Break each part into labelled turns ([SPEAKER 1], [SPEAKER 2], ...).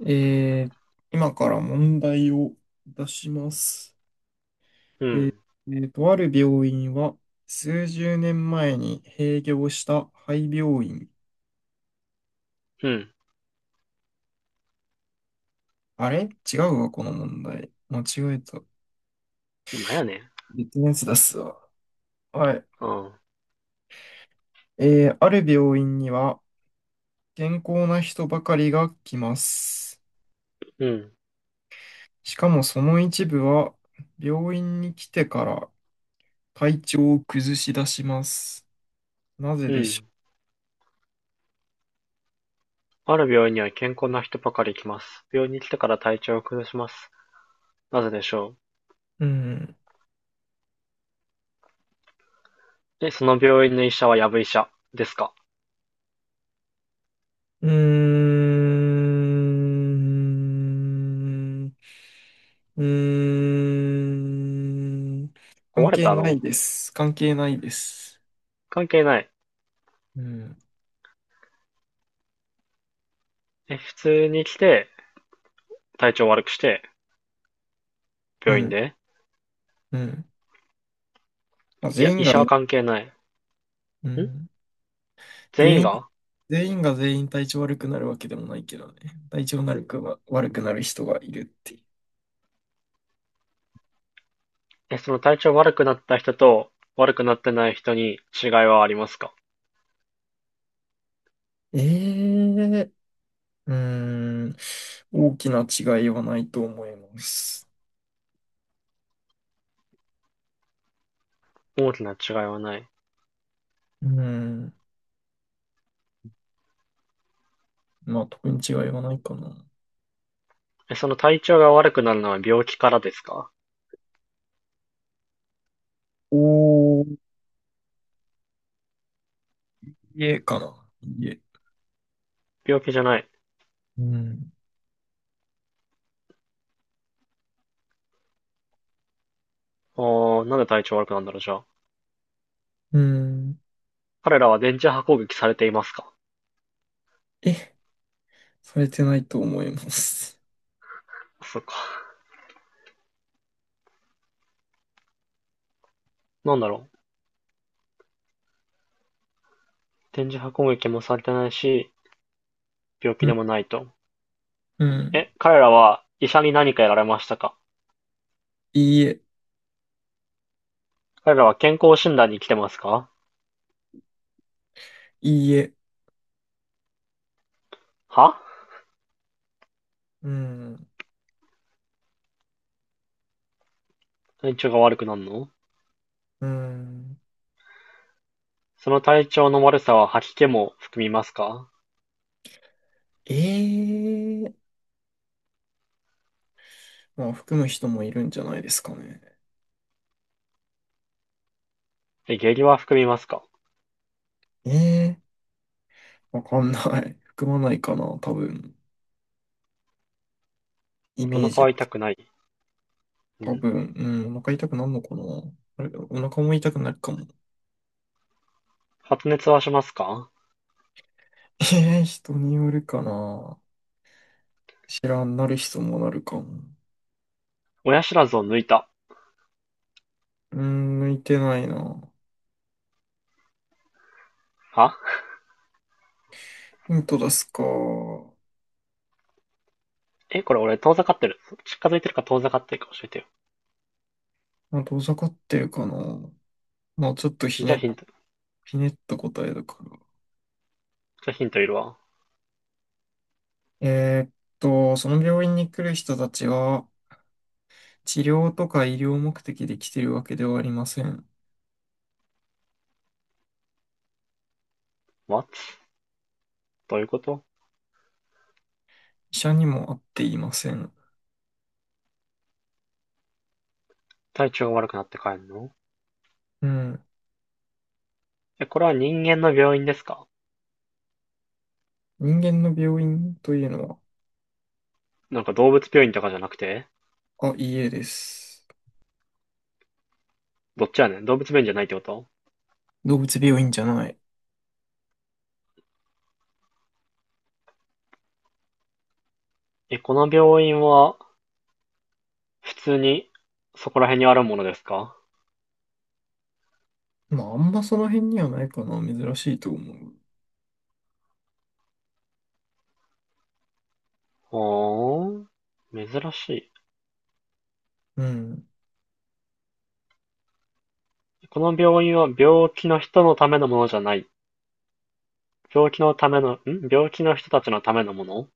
[SPEAKER 1] えー今から問題を出します。
[SPEAKER 2] うん、
[SPEAKER 1] ある病院は数十年前に閉業した廃病院。
[SPEAKER 2] うん、
[SPEAKER 1] あれ違うわ、この問題。間違えた。
[SPEAKER 2] なんやねん。
[SPEAKER 1] 別のやつ出すわ。はい。
[SPEAKER 2] うん、
[SPEAKER 1] ある病院には健康な人ばかりが来ます。
[SPEAKER 2] うん、
[SPEAKER 1] しかもその一部は病院に来てから体調を崩し出します。なぜ
[SPEAKER 2] う
[SPEAKER 1] でし
[SPEAKER 2] ん。
[SPEAKER 1] ょ
[SPEAKER 2] ある病院には健康な人ばかり来ます。病院に来てから体調を崩します。なぜでしょ
[SPEAKER 1] う。うん。
[SPEAKER 2] う。え、その病院の医者はやぶ医者ですか？
[SPEAKER 1] うーん。うーん。関
[SPEAKER 2] 壊れ
[SPEAKER 1] 係
[SPEAKER 2] た
[SPEAKER 1] ない
[SPEAKER 2] の？
[SPEAKER 1] です。関係ないです。
[SPEAKER 2] 関係ない。
[SPEAKER 1] うん。
[SPEAKER 2] え、普通に来て、体調悪くして、
[SPEAKER 1] う
[SPEAKER 2] 病院
[SPEAKER 1] ん。
[SPEAKER 2] で、
[SPEAKER 1] うん。まあ、
[SPEAKER 2] い
[SPEAKER 1] 全
[SPEAKER 2] や、
[SPEAKER 1] 員
[SPEAKER 2] 医
[SPEAKER 1] が
[SPEAKER 2] 者は
[SPEAKER 1] ね、
[SPEAKER 2] 関係ない。
[SPEAKER 1] う
[SPEAKER 2] ん、
[SPEAKER 1] ん。
[SPEAKER 2] 全
[SPEAKER 1] 全
[SPEAKER 2] 員
[SPEAKER 1] 員、
[SPEAKER 2] が。
[SPEAKER 1] 全員が全員体調悪くなるわけでもないけどね。体調悪くは悪くなる人がいるってい
[SPEAKER 2] え、その体調悪くなった人と悪くなってない人に違いはありますか？
[SPEAKER 1] う。えうーん。大きな違いはないと思います。
[SPEAKER 2] 大きな違いはない。
[SPEAKER 1] うん。まあ、特に違いはないかな。
[SPEAKER 2] え、その体調が悪くなるのは病気からですか？
[SPEAKER 1] お家かな。家。
[SPEAKER 2] 病気じゃない。
[SPEAKER 1] うん。
[SPEAKER 2] あー、なんで体調悪くなんだろう、じゃあ。
[SPEAKER 1] うん。
[SPEAKER 2] 彼らは電磁波攻撃されていますか？
[SPEAKER 1] え、されてないと思います。
[SPEAKER 2] そっか。なんだろう。電磁波攻撃もされてないし、病気
[SPEAKER 1] う
[SPEAKER 2] で
[SPEAKER 1] ん。
[SPEAKER 2] もないと。
[SPEAKER 1] うん。
[SPEAKER 2] え、彼らは医者に何かやられましたか？
[SPEAKER 1] いいえ。
[SPEAKER 2] 彼らは健康診断に来てますか？
[SPEAKER 1] いいえ。
[SPEAKER 2] は
[SPEAKER 1] うん。
[SPEAKER 2] 体調が悪くなるの？
[SPEAKER 1] うん。
[SPEAKER 2] その体調の悪さは吐き気も含みますか？
[SPEAKER 1] ええ、まあ、含む人もいるんじゃないですかね。
[SPEAKER 2] え、下痢は含みますか？
[SPEAKER 1] ええわかんない。含まないかな、多分。イ
[SPEAKER 2] お
[SPEAKER 1] メー
[SPEAKER 2] 腹
[SPEAKER 1] ジ。
[SPEAKER 2] は痛くない。う
[SPEAKER 1] 多
[SPEAKER 2] ん。
[SPEAKER 1] 分、うん、お腹痛くなるのかな。あれ、お腹も痛くなるかも。
[SPEAKER 2] 発熱はしますか？
[SPEAKER 1] ええ、人によるかな。知らん、なる人もなるかも。
[SPEAKER 2] 親知らずを抜いた。
[SPEAKER 1] うーん、向いてないな。
[SPEAKER 2] は
[SPEAKER 1] 本当ですか。
[SPEAKER 2] え、これ俺遠ざかってる。近づいてるか遠ざかってるか教えてよ。
[SPEAKER 1] まあ、遠ざかってるかな。まあ、ちょっと
[SPEAKER 2] じゃあヒント。
[SPEAKER 1] ひねった答えだから。
[SPEAKER 2] じゃあヒントいるわ。
[SPEAKER 1] えーっその病院に来る人たちは、治療とか医療目的で来てるわけではありません。
[SPEAKER 2] What? どういうこと？
[SPEAKER 1] 医者にも会っていません。
[SPEAKER 2] 体調が悪くなって帰んの？
[SPEAKER 1] うん。
[SPEAKER 2] え、これは人間の病院ですか？
[SPEAKER 1] 人間の病院というの
[SPEAKER 2] なんか動物病院とかじゃなくて。
[SPEAKER 1] は、あ、いいえです。
[SPEAKER 2] どっちやねん、動物病院じゃないってこと？
[SPEAKER 1] 動物病院じゃない。
[SPEAKER 2] え、この病院は普通にそこら辺にあるものですか？
[SPEAKER 1] まあ、あんまその辺にはないかな。珍しいと思う。
[SPEAKER 2] ほーん。珍しい。
[SPEAKER 1] うん。
[SPEAKER 2] この病院は病気の人のためのものじゃない。病気のための、ん病気の人たちのためのもの？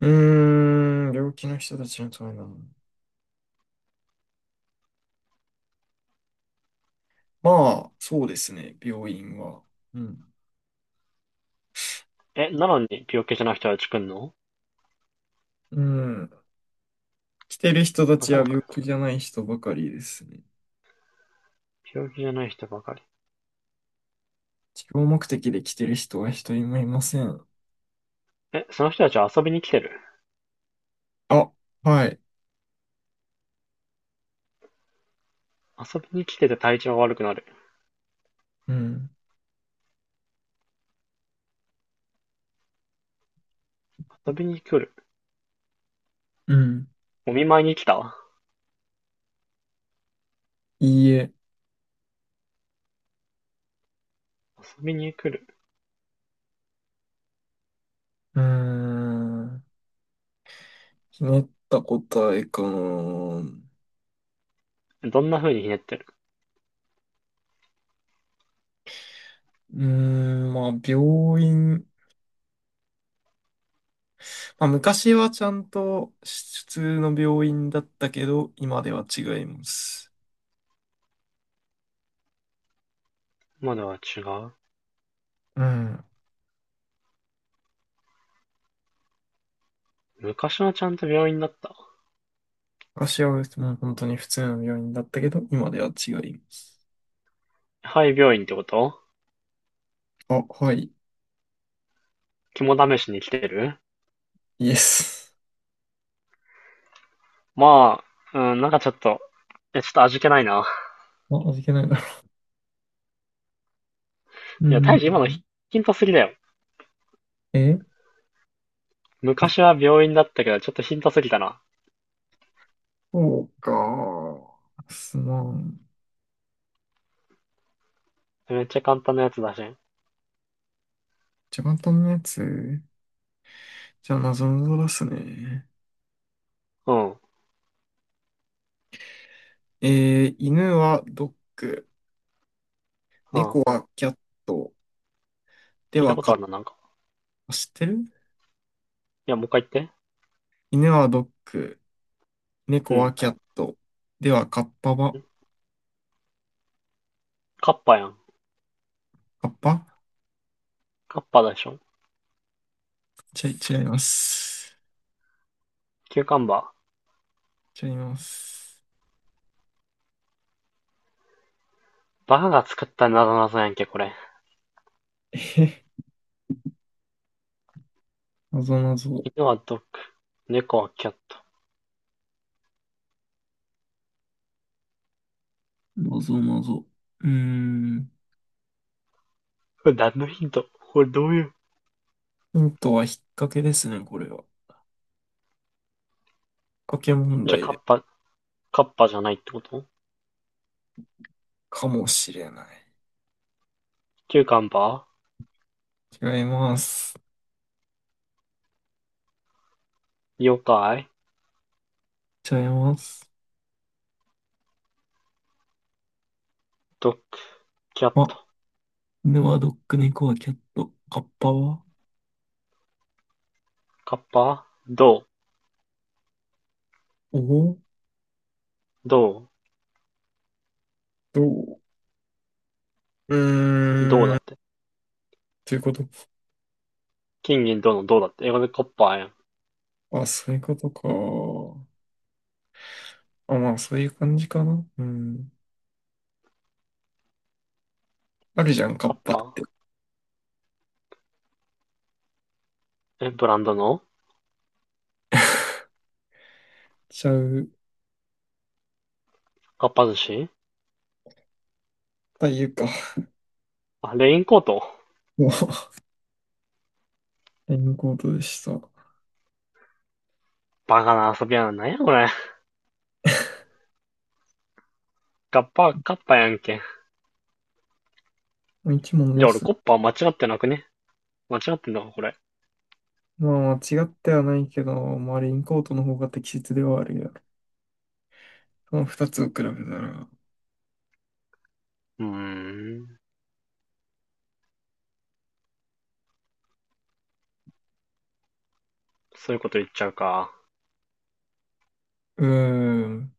[SPEAKER 1] うーん、病気の人たちのためなの。まあ、そうですね、病院は。うん。
[SPEAKER 2] え、なのに病気じゃない人たち来んの？
[SPEAKER 1] うん。来てる人たちは
[SPEAKER 2] 頭
[SPEAKER 1] 病
[SPEAKER 2] くん。
[SPEAKER 1] 気じゃない人ばかりですね。
[SPEAKER 2] 病気じゃない人ばかり。
[SPEAKER 1] 治療目的で来てる人は一人もいません。
[SPEAKER 2] え、その人たちは遊びに来てる？
[SPEAKER 1] あ、はい。
[SPEAKER 2] 遊びに来てて体調悪くなる。
[SPEAKER 1] うん。
[SPEAKER 2] 遊びに来る。
[SPEAKER 1] うん。
[SPEAKER 2] お見舞いに来た。
[SPEAKER 1] いいえ。
[SPEAKER 2] 遊びに来る。
[SPEAKER 1] うーん。ひねった答えかな。う
[SPEAKER 2] どんな風にひねってる？
[SPEAKER 1] ーん、まあ、病院。まあ、昔はちゃんと普通の病院だったけど、今では違います。
[SPEAKER 2] 今では違う。
[SPEAKER 1] うん。
[SPEAKER 2] 昔はちゃんと病院だった。
[SPEAKER 1] 昔はもう本当に普通の病院だったけど、今では違います。
[SPEAKER 2] はい、病院ってこと？
[SPEAKER 1] あ、はい、
[SPEAKER 2] 肝試しに来てる？
[SPEAKER 1] イエス。
[SPEAKER 2] まあ、うん、なんかちょっと、え、ちょっと味気ないな。
[SPEAKER 1] あ、味気ないだろう。うー
[SPEAKER 2] いや、今のヒ
[SPEAKER 1] ん。
[SPEAKER 2] ヒントすぎだよ。
[SPEAKER 1] え、
[SPEAKER 2] 昔は病院だったけど、ちょっとヒントすぎたな。
[SPEAKER 1] そうか。すまん。
[SPEAKER 2] めっちゃ簡単なやつだし。
[SPEAKER 1] じゃ簡単なやつ。じゃあ、謎ぞ出すね。
[SPEAKER 2] うん、うん。
[SPEAKER 1] え犬はドッグ、猫
[SPEAKER 2] 聞
[SPEAKER 1] はキャット、で
[SPEAKER 2] いた
[SPEAKER 1] は
[SPEAKER 2] こ
[SPEAKER 1] カ
[SPEAKER 2] と
[SPEAKER 1] ッ
[SPEAKER 2] あるな、なんか。
[SPEAKER 1] パ、知ってる。
[SPEAKER 2] いや、もう一回言って。
[SPEAKER 1] 犬はドッグ、
[SPEAKER 2] う
[SPEAKER 1] 猫は
[SPEAKER 2] ん。
[SPEAKER 1] キャット、ではカッパは、
[SPEAKER 2] カッパやん。
[SPEAKER 1] カッパ、
[SPEAKER 2] カッパでしょ。
[SPEAKER 1] ちゃ、違います。
[SPEAKER 2] キューカンバー。
[SPEAKER 1] 違います。
[SPEAKER 2] バカが作ったなぞなぞやんけ、これ。
[SPEAKER 1] え、謎ぞ。
[SPEAKER 2] 犬はドッグ、猫はキャット。
[SPEAKER 1] 謎謎。うーん。
[SPEAKER 2] これ何のヒント？これどういう。
[SPEAKER 1] ヒントは引っ掛けですね、これは。引っ掛け問
[SPEAKER 2] じゃあ、
[SPEAKER 1] 題
[SPEAKER 2] カッ
[SPEAKER 1] で。
[SPEAKER 2] パ、カッパじゃないってこと？
[SPEAKER 1] かもしれない。
[SPEAKER 2] キューカンバ
[SPEAKER 1] 違います。
[SPEAKER 2] ー、妖怪、
[SPEAKER 1] 違います。
[SPEAKER 2] ドッグ、キャッ
[SPEAKER 1] あ、
[SPEAKER 2] ト、
[SPEAKER 1] 犬はドッグ、猫はキャット、カッパは
[SPEAKER 2] カッパ、銅、
[SPEAKER 1] おお、
[SPEAKER 2] 銅、
[SPEAKER 1] どう、う
[SPEAKER 2] 銅だ
[SPEAKER 1] ー
[SPEAKER 2] っ
[SPEAKER 1] ん。
[SPEAKER 2] て。
[SPEAKER 1] ということ。
[SPEAKER 2] 金銀銅の銅だって。英語でカッパやん。
[SPEAKER 1] あ、そういうことか。あ、まあ、そういう感じかな。うん。あるじゃん、カッ
[SPEAKER 2] カッ
[SPEAKER 1] パっ
[SPEAKER 2] パ、
[SPEAKER 1] て。
[SPEAKER 2] ブランドの？
[SPEAKER 1] ちゃう。
[SPEAKER 2] カッパ寿司？
[SPEAKER 1] というか。
[SPEAKER 2] あ、レインコート？
[SPEAKER 1] もう、レインコートでした。も
[SPEAKER 2] バカな遊びやな。なんやこれ。カッパ、カッパやんけ。
[SPEAKER 1] う一問
[SPEAKER 2] じゃ
[SPEAKER 1] ま
[SPEAKER 2] あ俺
[SPEAKER 1] す。
[SPEAKER 2] コッパ間違ってなくね？間違ってんのか、これ。
[SPEAKER 1] まあ、間違ってはないけど、まあ、レインコートの方が適切ではあるよ。その二つを比べたら。
[SPEAKER 2] うーん。そういうこと言っちゃうか。
[SPEAKER 1] うーん。